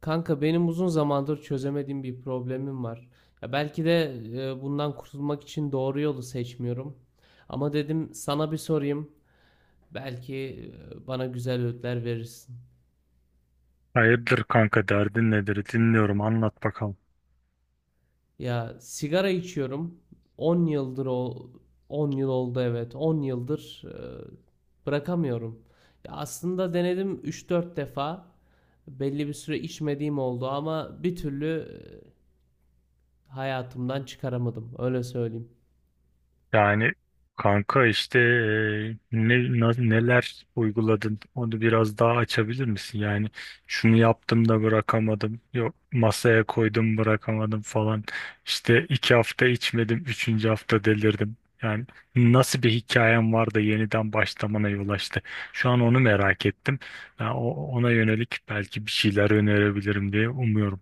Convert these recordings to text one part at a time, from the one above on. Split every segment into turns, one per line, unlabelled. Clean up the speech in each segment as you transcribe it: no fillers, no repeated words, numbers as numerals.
Kanka benim uzun zamandır çözemediğim bir problemim var. Ya belki de bundan kurtulmak için doğru yolu seçmiyorum. Ama dedim sana bir sorayım. Belki bana güzel öğütler verirsin.
Hayırdır kanka, derdin nedir, dinliyorum, anlat bakalım.
Ya sigara içiyorum. 10 yıldır o 10 yıl oldu, evet. 10 yıldır bırakamıyorum. Ya aslında denedim 3-4 defa. Belli bir süre içmediğim oldu ama bir türlü hayatımdan çıkaramadım. Öyle söyleyeyim.
Yani kanka işte neler uyguladın, onu biraz daha açabilir misin? Yani şunu yaptım da bırakamadım, yok masaya koydum bırakamadım falan. İşte 2 hafta içmedim, üçüncü hafta delirdim. Yani nasıl bir hikayem var da yeniden başlamana yol açtı? Şu an onu merak ettim. Ben ona yönelik belki bir şeyler önerebilirim diye umuyorum.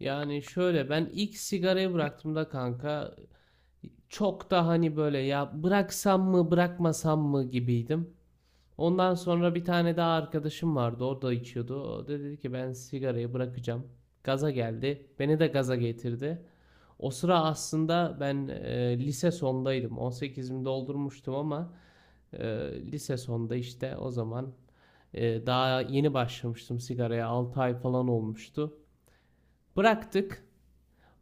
Yani şöyle, ben ilk sigarayı bıraktığımda kanka çok da hani böyle ya bıraksam mı bırakmasam mı gibiydim. Ondan sonra bir tane daha arkadaşım vardı, o da içiyordu. O da dedi ki ben sigarayı bırakacağım. Gaza geldi. Beni de gaza getirdi. O sıra aslında ben lise sondaydım. 18'imi doldurmuştum ama e, lise sonda işte o zaman daha yeni başlamıştım sigaraya. 6 ay falan olmuştu. Bıraktık.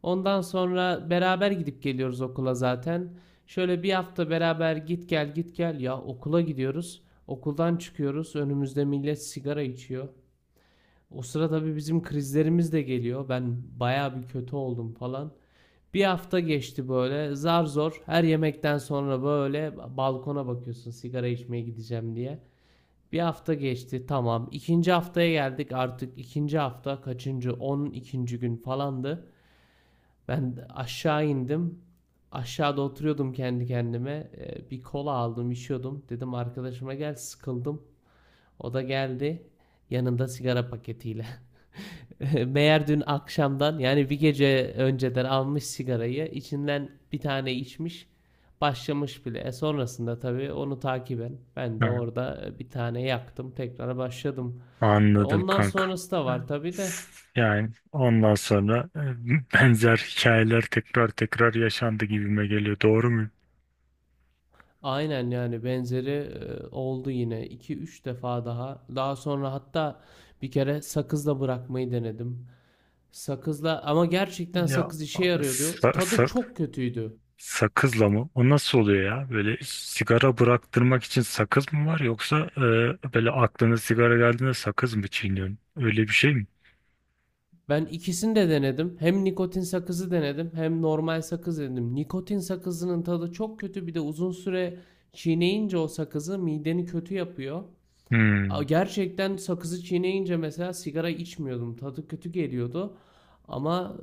Ondan sonra beraber gidip geliyoruz okula zaten. Şöyle bir hafta beraber git gel git gel, ya okula gidiyoruz. Okuldan çıkıyoruz. Önümüzde millet sigara içiyor. O sıra tabii bizim krizlerimiz de geliyor. Ben bayağı bir kötü oldum falan. Bir hafta geçti böyle zar zor, her yemekten sonra böyle balkona bakıyorsun sigara içmeye gideceğim diye. Bir hafta geçti, tamam. İkinci haftaya geldik, artık ikinci hafta kaçıncı, on ikinci gün falandı. Ben aşağı indim. Aşağıda oturuyordum kendi kendime. Bir kola aldım, içiyordum. Dedim arkadaşıma gel, sıkıldım. O da geldi. Yanında sigara paketiyle. Meğer dün akşamdan, yani bir gece önceden almış sigarayı. İçinden bir tane içmiş. Başlamış bile. E sonrasında tabii onu takiben ben de
Ha,
orada bir tane yaktım. Tekrar başladım. E
anladım
ondan
kanka.
sonrası da var tabii de.
Yani ondan sonra benzer hikayeler tekrar tekrar yaşandı gibime geliyor. Doğru mu?
Aynen, yani benzeri oldu yine iki üç defa daha. Daha sonra hatta bir kere sakızla bırakmayı denedim. Sakızla, ama gerçekten
Ya,
sakız işe yarıyordu.
sa-
Tadı
sa-
çok kötüydü.
sakızla mı? O nasıl oluyor ya? Böyle sigara bıraktırmak için sakız mı var, yoksa böyle aklına sigara geldiğinde sakız mı çiğniyorsun? Öyle bir şey mi?
Ben ikisini de denedim. Hem nikotin sakızı denedim hem normal sakız denedim. Nikotin sakızının tadı çok kötü. Bir de uzun süre çiğneyince o sakızı mideni kötü yapıyor.
Hmm.
Gerçekten sakızı çiğneyince mesela sigara içmiyordum. Tadı kötü geliyordu. Ama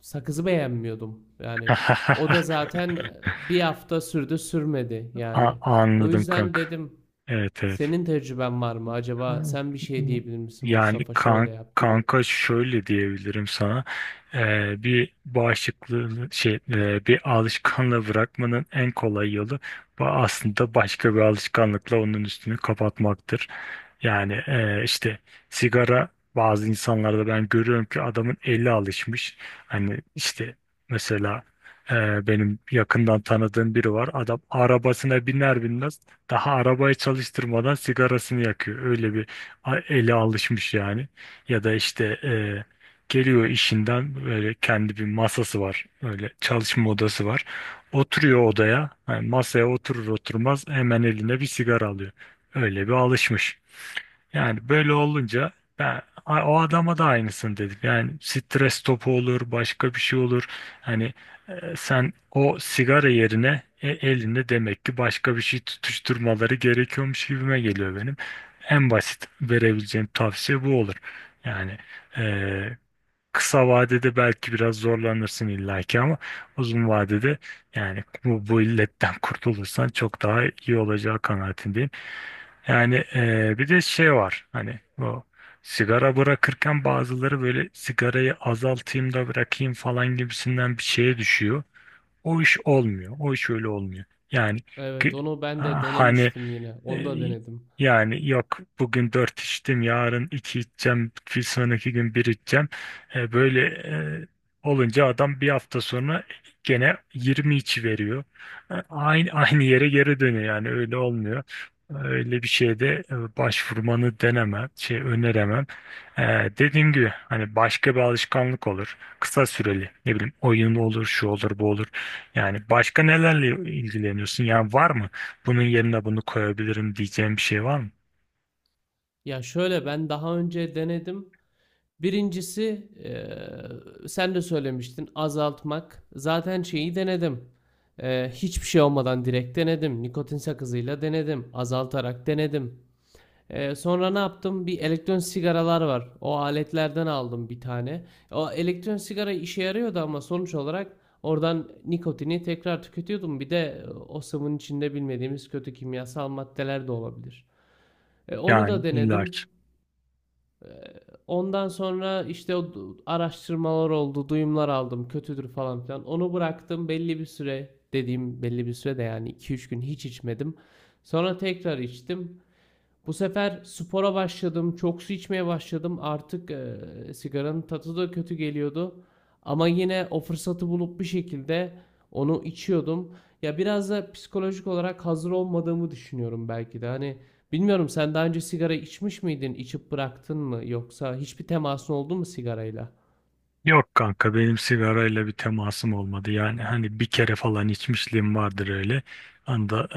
sakızı beğenmiyordum. Yani o da zaten bir hafta sürdü sürmedi yani. O
Anladım
yüzden
kanka.
dedim,
Evet, evet.
senin tecrüben var mı acaba,
Hmm.
sen bir şey diyebilir misin
Yani
Mustafa, şöyle yap gibi.
kanka şöyle diyebilirim sana. Bir bağışıklığı şey e, Bir alışkanlığı bırakmanın en kolay yolu aslında başka bir alışkanlıkla onun üstünü kapatmaktır. Yani işte sigara, bazı insanlarda ben görüyorum ki adamın eli alışmış. Hani işte mesela benim yakından tanıdığım biri var, adam arabasına biner binmez daha arabayı çalıştırmadan sigarasını yakıyor. Öyle bir ele alışmış yani. Ya da işte geliyor işinden, böyle kendi bir masası var. Öyle çalışma odası var. Oturuyor odaya. Yani masaya oturur oturmaz hemen eline bir sigara alıyor. Öyle bir alışmış. Yani böyle olunca ben o adama da aynısını dedim. Yani stres topu olur, başka bir şey olur. Hani sen o sigara yerine, elinde demek ki başka bir şey tutuşturmaları gerekiyormuş gibime geliyor benim. En basit verebileceğim tavsiye bu olur. Yani e, kısa vadede belki biraz zorlanırsın illaki ama uzun vadede, yani bu illetten kurtulursan çok daha iyi olacağı kanaatindeyim. Yani bir de şey var, hani o sigara bırakırken bazıları böyle sigarayı azaltayım da bırakayım falan gibisinden bir şeye düşüyor. O iş olmuyor. O iş öyle olmuyor. Yani
Evet,
ki-
onu ben de
hani
denemiştim, yine
e,
onu da denedim.
yani yok, bugün dört içtim, yarın iki içeceğim, bir sonraki gün bir içeceğim. Böyle olunca adam bir hafta sonra gene 20 içi veriyor. Aynı aynı yere geri dönüyor yani, öyle olmuyor. Öyle bir şeyde başvurmanı denemem, şey öneremem. E, Dediğim gibi hani başka bir alışkanlık olur. Kısa süreli ne bileyim, oyun olur, şu olur, bu olur. Yani başka nelerle ilgileniyorsun? Yani var mı? Bunun yerine bunu koyabilirim diyeceğim bir şey var mı?
Ya şöyle, ben daha önce denedim. Birincisi sen de söylemiştin azaltmak. Zaten şeyi denedim. Hiçbir şey olmadan direkt denedim. Nikotin sakızıyla denedim. Azaltarak denedim. Sonra ne yaptım? Bir elektron sigaralar var. O aletlerden aldım bir tane. O elektron sigara işe yarıyordu ama sonuç olarak oradan nikotini tekrar tüketiyordum. Bir de o sıvının içinde bilmediğimiz kötü kimyasal maddeler de olabilir. Onu da
Yani illaki.
denedim. Ondan sonra işte araştırmalar oldu, duyumlar aldım, kötüdür falan filan. Onu bıraktım belli bir süre, dediğim belli bir süre de yani iki üç gün hiç içmedim. Sonra tekrar içtim. Bu sefer spora başladım, çok su içmeye başladım. Artık sigaranın tadı da kötü geliyordu. Ama yine o fırsatı bulup bir şekilde onu içiyordum. Ya biraz da psikolojik olarak hazır olmadığımı düşünüyorum belki de. Hani bilmiyorum, sen daha önce sigara içmiş miydin, içip bıraktın mı, yoksa hiçbir temasın oldu mu sigarayla?
Yok kanka, benim sigarayla bir temasım olmadı. Yani hani bir kere falan içmişliğim vardır öyle. Anda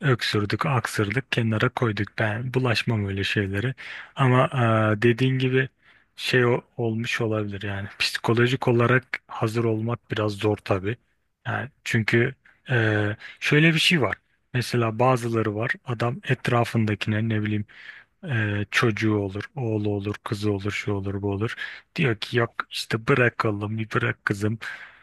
öksürdük, aksırdık, kenara koyduk. Ben bulaşmam öyle şeylere. Ama dediğin gibi olmuş olabilir yani. Psikolojik olarak hazır olmak biraz zor tabii. Yani çünkü e, şöyle bir şey var. Mesela bazıları var. Adam etrafındakine ne bileyim, çocuğu olur, oğlu olur, kızı olur, şu olur, bu olur. Diyor ki yok işte bırak oğlum, bir bırak kızım.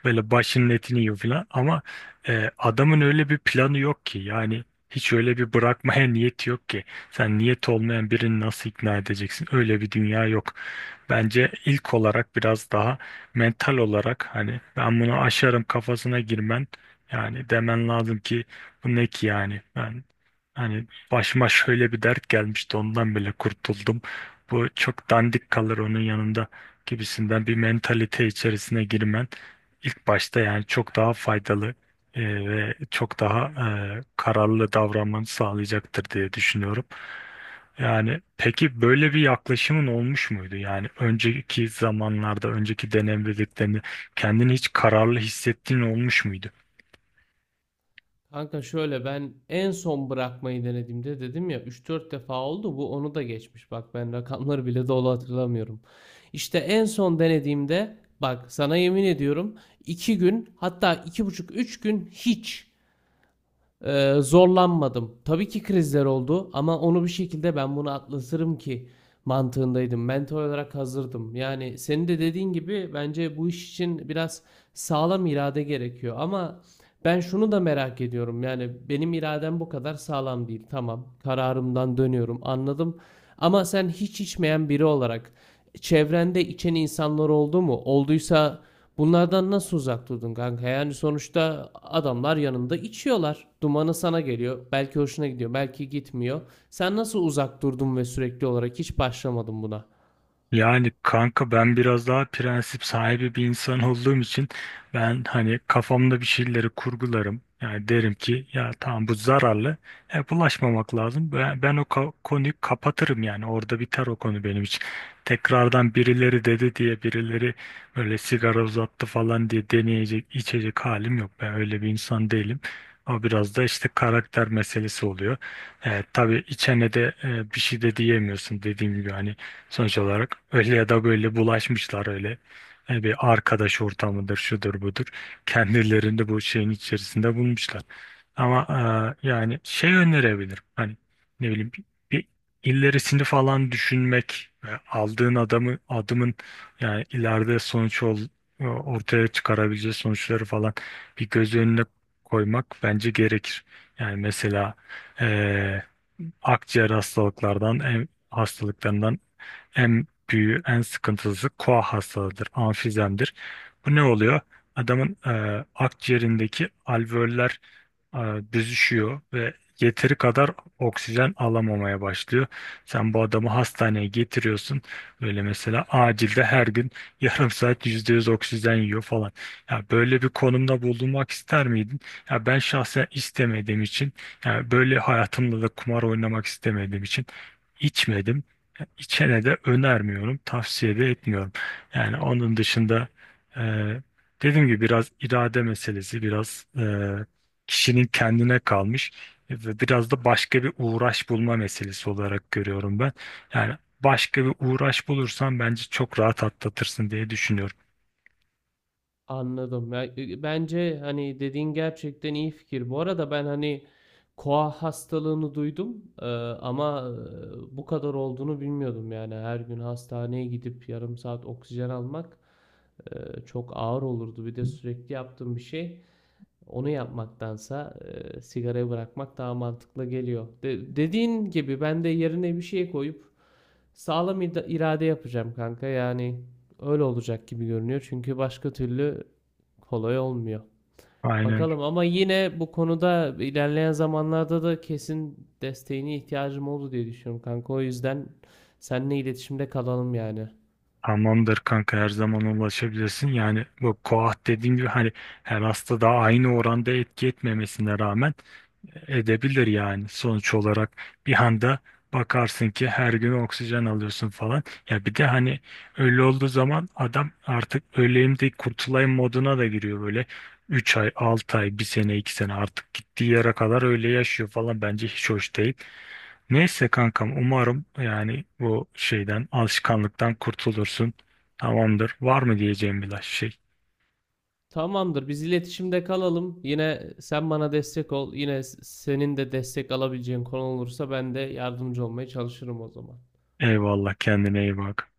Böyle başının etini yiyor falan. Ama adamın öyle bir planı yok ki. Yani hiç öyle bir bırakmaya niyeti yok ki. Sen niyet olmayan birini nasıl ikna edeceksin? Öyle bir dünya yok. Bence ilk olarak biraz daha mental olarak, hani ben bunu aşarım kafasına girmen, yani demen lazım ki bu ne ki, yani ben hani başıma şöyle bir dert gelmişti, ondan bile kurtuldum. Bu çok dandik kalır onun yanında gibisinden bir mentalite içerisine girmen ilk başta yani çok daha faydalı ve çok daha kararlı davranmanı sağlayacaktır diye düşünüyorum. Yani peki böyle bir yaklaşımın olmuş muydu? Yani önceki zamanlarda, önceki deneyimlediklerini, kendini hiç kararlı hissettiğin olmuş muydu?
Kanka şöyle, ben en son bırakmayı denediğimde dedim ya üç dört defa oldu, bu onu da geçmiş. Bak, ben rakamları bile dolu hatırlamıyorum. İşte en son denediğimde, bak sana yemin ediyorum, 2 gün, hatta iki buçuk üç gün hiç. Zorlanmadım. Tabii ki krizler oldu ama onu bir şekilde ben bunu atlatırım ki mantığındaydım. Mentor olarak hazırdım. Yani senin de dediğin gibi bence bu iş için biraz sağlam irade gerekiyor. Ama ben şunu da merak ediyorum. Yani benim iradem bu kadar sağlam değil. Tamam, kararımdan dönüyorum. Anladım. Ama sen hiç içmeyen biri olarak çevrende içen insanlar oldu mu? Olduysa bunlardan nasıl uzak durdun kanka? Yani sonuçta adamlar yanında içiyorlar. Dumanı sana geliyor. Belki hoşuna gidiyor, belki gitmiyor. Sen nasıl uzak durdun ve sürekli olarak hiç başlamadın buna?
Yani kanka ben biraz daha prensip sahibi bir insan olduğum için ben hani kafamda bir şeyleri kurgularım. Yani derim ki ya tamam bu zararlı. Bulaşmamak lazım. Ben o konuyu kapatırım yani. Orada biter o konu benim için. Tekrardan birileri dedi diye, birileri böyle sigara uzattı falan diye deneyecek, içecek halim yok. Ben öyle bir insan değilim. O biraz da işte karakter meselesi oluyor. Tabii içene de bir şey de diyemiyorsun, dediğim gibi hani sonuç olarak öyle ya da böyle bulaşmışlar öyle. Yani bir arkadaş ortamıdır, şudur budur. Kendilerini bu şeyin içerisinde bulmuşlar. Ama yani şey önerebilirim. Hani ne bileyim, bir ilerisini falan düşünmek ve aldığın adamı adımın, yani ileride ortaya çıkarabileceği sonuçları falan bir göz önüne koymak bence gerekir. Yani mesela e, akciğer hastalıklardan hastalıklarından en büyüğü, en sıkıntılısı koa hastalığıdır, amfizemdir. Bu ne oluyor? Adamın akciğerindeki alveoller e, büzüşüyor ve yeteri kadar oksijen alamamaya başlıyor. Sen bu adamı hastaneye getiriyorsun. Böyle mesela acilde her gün yarım saat %100 oksijen yiyor falan. Ya böyle bir konumda bulunmak ister miydin? Ya ben şahsen istemediğim için, ya böyle hayatımda da kumar oynamak istemediğim için içmedim. İçene de önermiyorum, tavsiye de etmiyorum. Yani onun dışında e, dediğim gibi biraz irade meselesi, biraz kişinin kendine kalmış ve biraz da başka bir uğraş bulma meselesi olarak görüyorum ben. Yani başka bir uğraş bulursan bence çok rahat atlatırsın diye düşünüyorum.
Anladım. Ya, bence hani dediğin gerçekten iyi fikir. Bu arada ben hani koa hastalığını duydum, ama bu kadar olduğunu bilmiyordum yani. Her gün hastaneye gidip yarım saat oksijen almak çok ağır olurdu. Bir de sürekli yaptığım bir şey. Onu yapmaktansa sigarayı bırakmak daha mantıklı geliyor. Dediğin gibi ben de yerine bir şey koyup sağlam irade yapacağım kanka. Yani öyle olacak gibi görünüyor. Çünkü başka türlü kolay olmuyor.
Aynen.
Bakalım, ama yine bu konuda ilerleyen zamanlarda da kesin desteğine ihtiyacım oldu diye düşünüyorum kanka. O yüzden seninle iletişimde kalalım yani.
Tamamdır kanka, her zaman ulaşabilirsin. Yani bu koah, dediğim gibi hani, her hastada aynı oranda etki etmemesine rağmen edebilir yani. Sonuç olarak bir anda bakarsın ki her gün oksijen alıyorsun falan. Ya bir de hani öyle olduğu zaman adam artık öleyim de kurtulayım moduna da giriyor böyle. 3 ay, 6 ay, bir sene, 2 sene, artık gittiği yere kadar öyle yaşıyor falan, bence hiç hoş değil. Neyse kankam, umarım yani bu şeyden, alışkanlıktan kurtulursun. Tamamdır. Var mı diyeceğim bir şey?
Tamamdır. Biz iletişimde kalalım. Yine sen bana destek ol. Yine senin de destek alabileceğin konu olursa ben de yardımcı olmaya çalışırım o zaman.
Eyvallah, kendine iyi bak.